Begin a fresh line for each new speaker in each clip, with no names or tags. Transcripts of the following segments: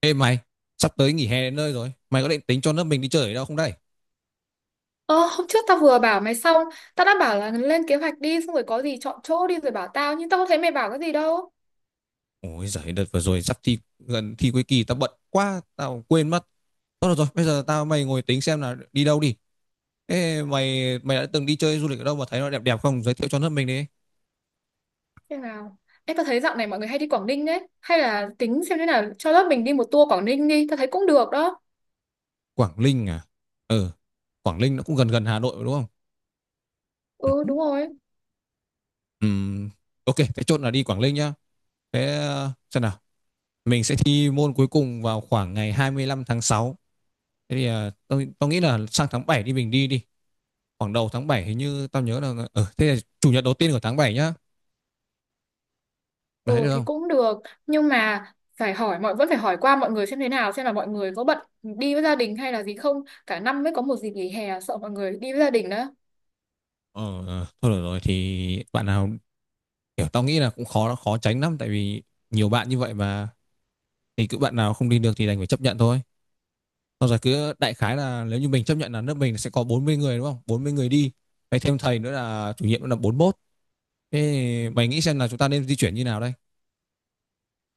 Ê mày, sắp tới nghỉ hè đến nơi rồi. Mày có định tính cho lớp mình đi chơi ở đâu không đây?
Ờ, Hôm trước tao vừa bảo mày xong, tao đã bảo là lên kế hoạch đi, xong rồi có gì chọn chỗ đi rồi bảo tao, nhưng tao không thấy mày bảo cái gì đâu.
Ôi giời, đợt vừa rồi sắp thi gần thi cuối kỳ tao bận quá, tao quên mất. Thôi được rồi, bây giờ tao mày ngồi tính xem là đi đâu đi. Ê mày mày đã từng đi chơi du lịch ở đâu mà thấy nó đẹp đẹp không? Giới thiệu cho lớp mình đi.
Thế nào? Ê, tao thấy dạo này mọi người hay đi Quảng Ninh đấy. Hay là tính xem thế nào, cho lớp mình đi một tour Quảng Ninh đi, tao thấy cũng được đó.
Quảng Ninh à? Ừ, Quảng Ninh nó cũng gần gần Hà Nội mà đúng không? Ừ.
Ừ, đúng rồi.
Ừm, ok, thế chốt là đi Quảng Ninh nhá. Thế xem nào, mình sẽ thi môn cuối cùng vào khoảng ngày 25 tháng 6. Thế thì tao nghĩ là sang tháng 7 đi, mình đi đi khoảng đầu tháng 7. Hình như tao nhớ là thế là chủ nhật đầu tiên của tháng 7 nhá. Mày thấy
Ừ,
được
thì
không?
cũng được. Nhưng mà phải hỏi, mọi vẫn phải hỏi qua mọi người xem thế nào, xem là mọi người có bận đi với gia đình hay là gì không. Cả năm mới có một dịp nghỉ hè, sợ mọi người đi với gia đình đó.
Ờ ờ, thôi được rồi thì bạn nào, kiểu tao nghĩ là cũng khó khó tránh lắm, tại vì nhiều bạn như vậy mà. Thì cứ bạn nào không đi được thì đành phải chấp nhận thôi. Xong rồi cứ đại khái là nếu như mình chấp nhận là lớp mình sẽ có 40 người, đúng không? 40 người đi. Mày thêm thầy nữa là chủ nhiệm nữa là 41. Thế mày nghĩ xem là chúng ta nên di chuyển như nào đây?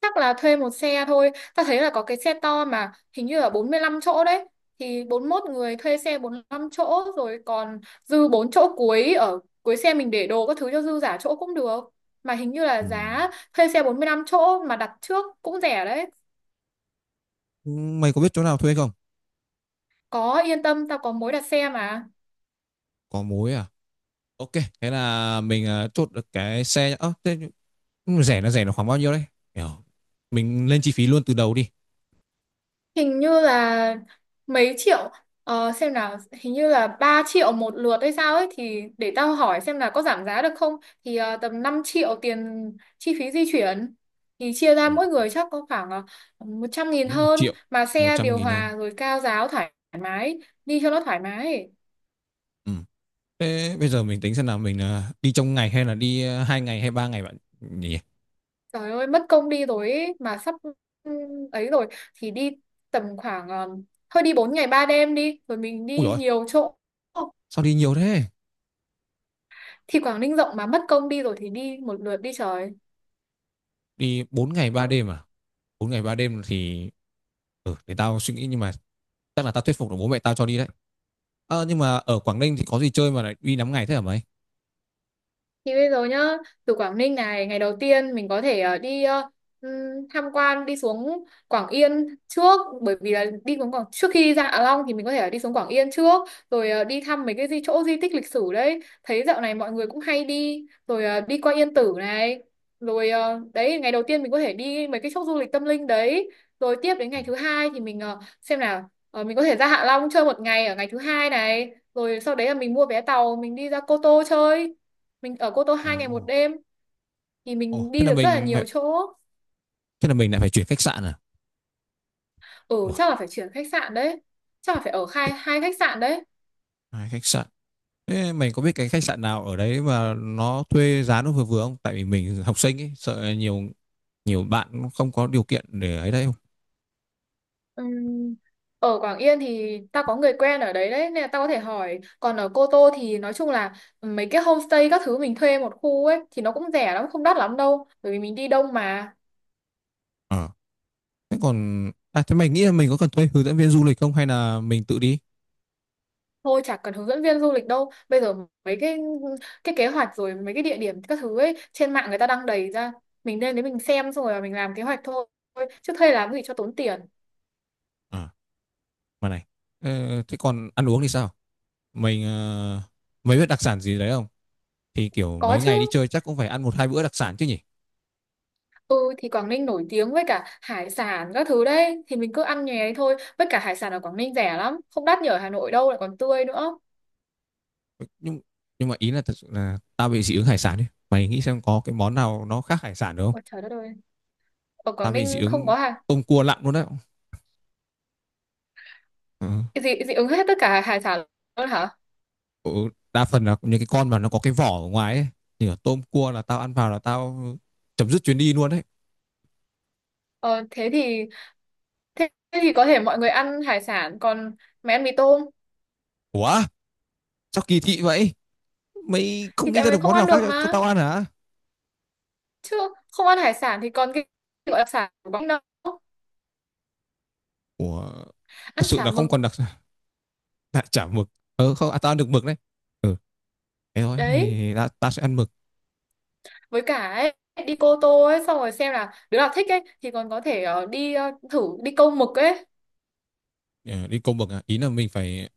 Chắc là thuê một xe thôi, ta thấy là có cái xe to mà hình như là 45 chỗ đấy. Thì 41 người thuê xe 45 chỗ rồi, còn dư 4 chỗ cuối ở cuối xe mình để đồ các thứ cho dư giả chỗ cũng được. Mà hình như là
Ừ.
giá thuê xe 45 chỗ mà đặt trước cũng rẻ đấy.
Mày có biết chỗ nào thuê không?
Có, yên tâm, tao có mối đặt xe mà.
Có mối à? Ok. Thế là mình chốt được cái xe nhá. Ơ, thế. Ừ, rẻ là khoảng bao nhiêu đấy? Kiểu mình lên chi phí luôn từ đầu đi.
Hình như là mấy triệu, xem nào, hình như là 3 triệu một lượt hay sao ấy, thì để tao hỏi xem là có giảm giá được không. Thì tầm 5 triệu tiền chi phí di chuyển, thì chia ra mỗi người chắc có khoảng 100.000
Mất một
hơn.
triệu
Mà
Một
xe
trăm
điều
nghìn hơn.
hòa rồi cao giáo thoải mái, đi cho nó thoải mái.
Ừ. Thế bây giờ mình tính xem nào, mình đi trong ngày hay là đi 2 ngày hay 3 ngày bạn nhỉ?
Trời ơi mất công đi rồi ấy, mà sắp ừ, ấy rồi thì đi tầm khoảng thôi đi 4 ngày 3 đêm đi rồi mình
Ui
đi
rồi.
nhiều chỗ.
Sao đi nhiều thế?
Thì Quảng Ninh rộng mà, mất công đi rồi thì đi một lượt đi trời.
Đi bốn ngày ba
Có.
đêm à? 4 ngày 3 đêm thì, ừ, để tao suy nghĩ. Nhưng mà chắc là tao thuyết phục được bố mẹ tao cho đi đấy. Ờ, nhưng mà ở Quảng Ninh thì có gì chơi mà lại đi 5 ngày thế hả mày?
Thì bây giờ nhá, từ Quảng Ninh này, ngày đầu tiên mình có thể đi ừm, tham quan đi xuống Quảng Yên trước, bởi vì là đi xuống Quảng trước khi ra Hạ Long thì mình có thể là đi xuống Quảng Yên trước. Rồi đi thăm mấy cái chỗ di tích lịch sử đấy. Thấy dạo này mọi người cũng hay đi rồi đi qua Yên Tử này. Rồi đấy, ngày đầu tiên mình có thể đi mấy cái chỗ du lịch tâm linh đấy. Rồi tiếp đến
Ừ.
ngày thứ hai thì mình xem nào, mình có thể ra Hạ Long chơi một ngày ở ngày thứ hai này. Rồi sau đấy là mình mua vé tàu mình đi ra Cô Tô chơi. Mình ở Cô Tô
Ồ.
2 ngày 1 đêm thì
Ồ,
mình đi được rất là nhiều chỗ.
thế là mình lại phải chuyển khách sạn à?
Ừ,
Ủa,
chắc là phải chuyển khách sạn đấy. Chắc là phải ở
thế-
hai hai khách sạn đấy.
2 khách sạn. Thế mày có biết cái khách sạn nào ở đấy mà nó thuê giá nó vừa vừa không? Tại vì mình học sinh ấy, sợ nhiều nhiều bạn nó không có điều kiện để ấy đấy, không?
Ừm, Ở Quảng Yên thì tao có người quen ở đấy đấy nên là tao có thể hỏi. Còn ở Cô Tô thì nói chung là mấy cái homestay các thứ mình thuê một khu ấy thì nó cũng rẻ lắm, không đắt lắm đâu. Bởi vì mình đi đông mà.
Ờ. Thế còn thế mày nghĩ là mình có cần thuê hướng dẫn viên du lịch không hay là mình tự đi?
Thôi chả cần hướng dẫn viên du lịch đâu. Bây giờ mấy cái kế hoạch rồi mấy cái địa điểm các thứ ấy trên mạng người ta đăng đầy ra. Mình lên đấy mình xem xong rồi mình làm kế hoạch thôi. Chứ thuê làm gì cho tốn tiền.
Ờ, mà này. Ờ, thế còn ăn uống thì sao? Mình mày biết đặc sản gì đấy không? Thì kiểu
Có
mấy
chứ.
ngày đi chơi chắc cũng phải ăn 1 2 bữa đặc sản chứ nhỉ?
Ừ thì Quảng Ninh nổi tiếng với cả hải sản các thứ đấy thì mình cứ ăn nhè đấy thôi. Với cả hải sản ở Quảng Ninh rẻ lắm, không đắt như ở Hà Nội đâu lại còn tươi nữa.
Nhưng nhưng mà ý là thật sự là tao bị dị ứng hải sản ấy. Mày nghĩ xem có cái món nào nó khác hải sản được không?
Ôi trời đất ơi. Ở
Tao
Quảng
bị dị
Ninh không
ứng
có hải,
tôm cua lặn luôn đấy. Ừ.
dị dị ứng hết tất cả hải sản luôn hả?
Ừ, đa phần là những cái con mà nó có cái vỏ ở ngoài ấy, như là tôm cua, là tao ăn vào là tao chấm dứt chuyến đi luôn đấy.
Ờ thế thì thế thì có thể mọi người ăn hải sản, còn mày ăn mì tôm.
Ủa, sao kỳ thị vậy? Mày
Thì
không nghĩ
tại
ra
mày
được
không
món nào
ăn
khác
được
cho
mà.
tao ăn hả?
Chứ không ăn hải sản thì còn cái gọi là sản của Quảng Ninh đâu.
Ủa, thật
Ăn
sự
chả
là
mực
không còn đặc đại chả mực. Không à, tao ăn được mực đấy. Ừ, thế thôi
đấy.
thì ta sẽ ăn mực.
Với cả ấy đi Cô Tô ấy xong rồi xem là đứa nào thích ấy thì còn có thể đi thử đi câu mực ấy.
Ờ, đi câu mực à? Ý là mình phải,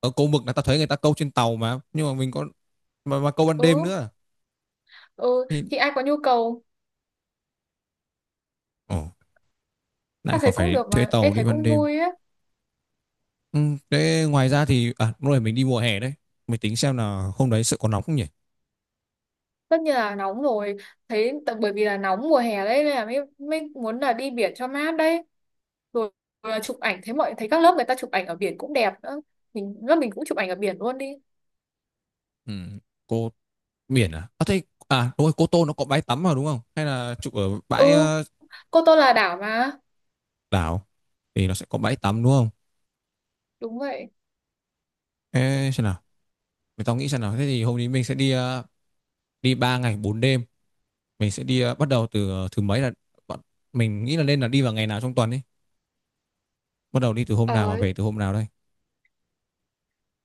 ở câu mực là tao thấy người ta câu trên tàu mà, nhưng mà mình có mà câu ban
Ừ,
đêm nữa
ừ,
thì
thì ai có nhu cầu.
ồ, lại
Ta
còn
thấy cũng
phải
được
thuê
mà, ê,
tàu đi
thấy
ban
cũng
đêm.
vui ấy.
Ừ, thế ngoài ra thì lúc này mình đi mùa hè đấy, mình tính xem là hôm đấy sự có nóng không nhỉ?
Tất nhiên là nóng rồi. Thấy bởi vì là nóng mùa hè đấy nên là mới muốn là đi biển cho mát đấy. Rồi chụp ảnh, thấy các lớp người ta chụp ảnh ở biển cũng đẹp nữa. Lớp mình cũng chụp ảnh ở biển luôn đi.
Ừ, cô biển À thế, à đúng rồi, Cô Tô nó có bãi tắm mà đúng không, hay là chụp ở bãi
Ừ, Cô Tô là đảo mà.
đảo thì nó sẽ có bãi tắm đúng không?
Đúng vậy.
Ê, xem nào, mình, tao nghĩ xem nào, thế thì hôm nay mình sẽ đi 3 ngày 4 đêm. Mình sẽ đi bắt đầu từ thứ mấy là bọn- mình nghĩ là nên là đi vào ngày nào trong tuần ấy, bắt đầu đi từ hôm nào mà
Ờ,
về từ hôm nào đây?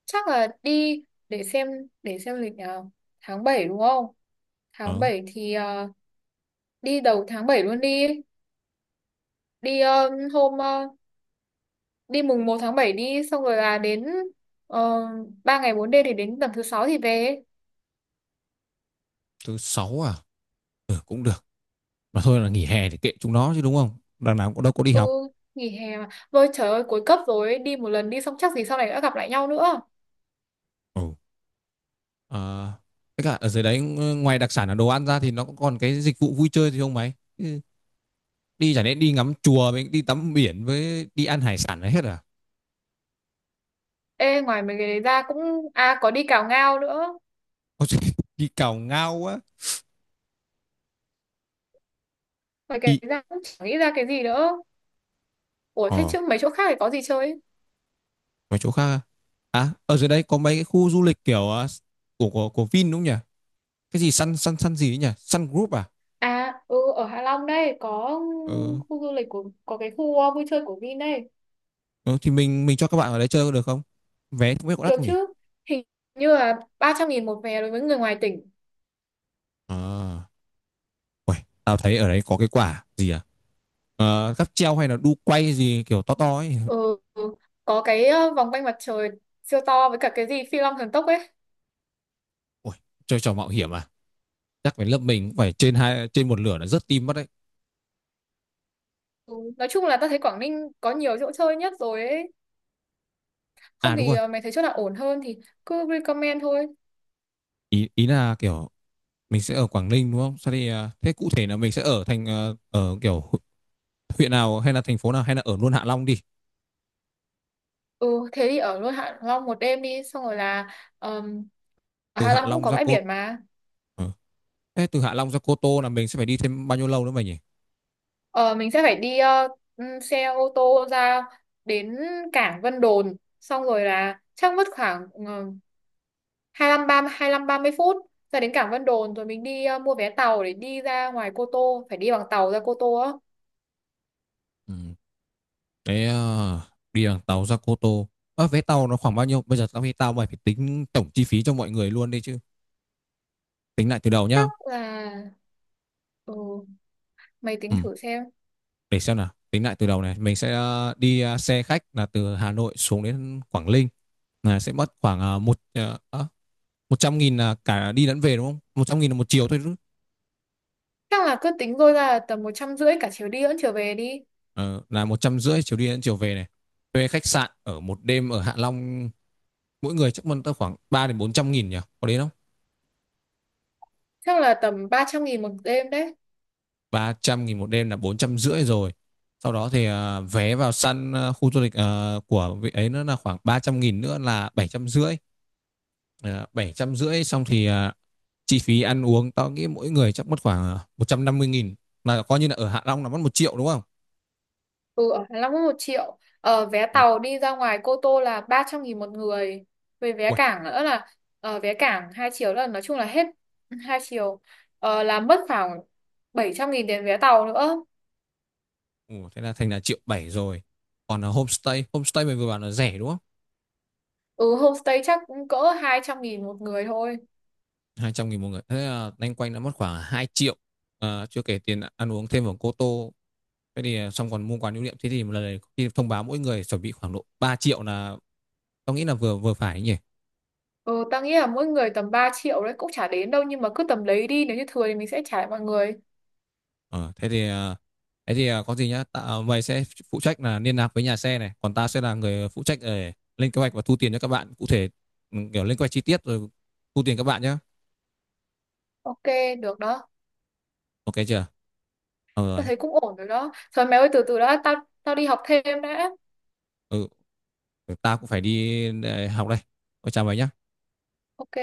Chắc là đi, để xem để xem lịch nào, tháng 7 đúng không? Tháng
ờ,
7 thì đi đầu tháng 7 luôn đi. đi ờ, hôm ờ, Đi mùng 1 tháng 7, đi xong rồi là đến uh, 3 ngày 4 đêm thì đến tầm thứ sáu thì về.
Thứ sáu à? Ừ, cũng được. Mà thôi là nghỉ hè thì kệ chúng nó chứ, đúng không, đằng nào cũng đâu có đi
Ừ.
học.
Nghỉ hè mà vôi trời ơi, cuối cấp rồi ấy, đi một lần đi xong chắc gì sau này đã gặp lại nhau nữa.
Ừ. Ờ, tất cả ở dưới đấy ngoài đặc sản là đồ ăn ra thì nó cũng còn cái dịch vụ vui chơi thì không mấy. Ừ, đi chẳng lẽ đi ngắm chùa với đi tắm biển với đi ăn hải sản là hết à?
Ê, ngoài mấy cái đấy ra cũng, à, có đi cào ngao nữa.
Có gì đi cào ngao quá.
Ngoài cái
Ý,
đấy ra cũng chẳng nghĩ ra cái gì nữa. Ủa, thế
ờ,
chứ mấy chỗ khác thì có gì chơi?
mấy chỗ khác à? À, ở dưới đấy có mấy cái khu du lịch kiểu của Vin đúng không nhỉ? Cái gì Sun Sun Sun gì ấy nhỉ? Sun Group à?
À, ừ, ở Hạ Long đây có
Ờ,
khu du lịch có cái khu vui chơi của Vin đây.
ờ, thì mình cho các bạn ở đấy chơi có được không? Vé không biết có đắt
Được
không nhỉ?
chứ? Hình như là 300.000 một vé đối với người ngoài tỉnh.
À, uầy, tao thấy ở đấy có cái quả gì à? Ờ, cáp treo hay là đu quay gì kiểu to to ấy.
Ừ, có cái vòng quanh mặt trời siêu to, với cả cái gì Phi Long thần tốc ấy.
Ôi, chơi trò mạo hiểm à? Chắc phải lớp mình cũng phải trên hai trên một lửa là rất tim mất đấy.
Ừ, nói chung là ta thấy Quảng Ninh có nhiều chỗ chơi nhất rồi ấy.
À
Không
đúng
thì
rồi.
mày thấy chỗ nào ổn hơn thì cứ recommend thôi.
Ý ý là kiểu mình sẽ ở Quảng Ninh đúng không? Sao thì thế cụ thể là mình sẽ ở thành ở kiểu huyện nào hay là thành phố nào, hay là ở luôn Hạ Long đi.
Ừ, thế thì ở luôn Hạ Long một đêm đi, xong rồi là um, ở
Từ
Hạ
Hạ
Long cũng
Long
có
ra
bãi
Cô
biển mà.
Ờ. Thế từ Hạ Long ra Cô Tô là mình sẽ phải đi thêm bao nhiêu lâu nữa mày nhỉ?
Ờ, mình sẽ phải đi xe ô tô ra đến cảng Vân Đồn, xong rồi là chắc mất khoảng 25 30 25 30 phút ra đến cảng Vân Đồn. Rồi mình đi mua vé tàu để đi ra ngoài Cô Tô, phải đi bằng tàu ra Cô Tô á.
Ừ. Thế đi bằng tàu ra Cô Tô. À, vé tàu nó khoảng bao nhiêu? Bây giờ tao nghĩ tao mày phải tính tổng chi phí cho mọi người luôn đi chứ. Tính lại từ đầu nhá.
Chắc là, ừ, mày
Ừ.
tính thử xem.
Để xem nào, tính lại từ đầu này, mình sẽ xe khách là từ Hà Nội xuống đến Quảng Ninh là sẽ mất khoảng một một trăm nghìn là cả đi lẫn về đúng không? 100 nghìn là một chiều thôi.
Chắc là cứ tính thôi, ra là tầm 150 cả chiều đi lẫn chiều về đi.
Ờ, là 150 nghìn chiều đi đến chiều về này. Thuê khách sạn ở 1 đêm ở Hạ Long mỗi người chắc mất tới khoảng 300 đến 400 nghìn nhỉ, có đến không?
Chắc là tầm 300.000 một đêm đấy.
300 nghìn 1 đêm là 450 nghìn rồi. Sau đó thì vé vào săn khu du lịch của vị ấy nữa là khoảng 300 nghìn nữa là 750 nghìn. Ờ, 750 nghìn xong thì chi phí ăn uống tao nghĩ mỗi người chắc mất khoảng 150 nghìn, là coi như là ở Hạ Long là mất triệu đúng không?
Ừ, ở Hạ Long có 1 triệu. Ờ, vé
Một
tàu đi ra ngoài Cô Tô là 300.000 một người. Về vé
ui.
cảng nữa là vé cảng 2 triệu, là nói chung là hết 2 triệu. Ờ, là mất khoảng 700.000 tiền vé tàu nữa.
Ừ, thế là thành là 1 triệu 7 rồi. Còn là homestay homestay mình vừa bảo là rẻ đúng không?
Ừ, homestay chắc cũng cỡ 200.000 một người thôi.
200 nghìn một người, thế là loanh quanh đã mất khoảng 2 triệu. À, chưa kể tiền ăn uống thêm ở Cô Tô. Thế thì xong còn mua quà lưu niệm, thế thì một lần này thông báo mỗi người chuẩn bị khoảng độ 3 triệu là tao nghĩ là vừa vừa phải nhỉ.
Ừ, tao nghĩ là mỗi người tầm 3 triệu đấy cũng chả đến đâu nhưng mà cứ tầm đấy đi, nếu như thừa thì mình sẽ trả lại mọi người.
Ờ, thế thì có gì nhá, ta, mày sẽ phụ trách là liên lạc với nhà xe này, còn ta sẽ là người phụ trách để lên kế hoạch và thu tiền cho các bạn cụ thể. Ừ, kiểu lên kế hoạch chi tiết rồi thu tiền các bạn nhá.
Ok, được đó.
Ok chưa? Ờ
Tao
rồi.
thấy cũng ổn rồi đó. Thôi mày ơi từ từ đã, tao tao đi học thêm đã.
Ừ, ta cũng phải đi học đây. Ôi, chào mày nhá.
Ok.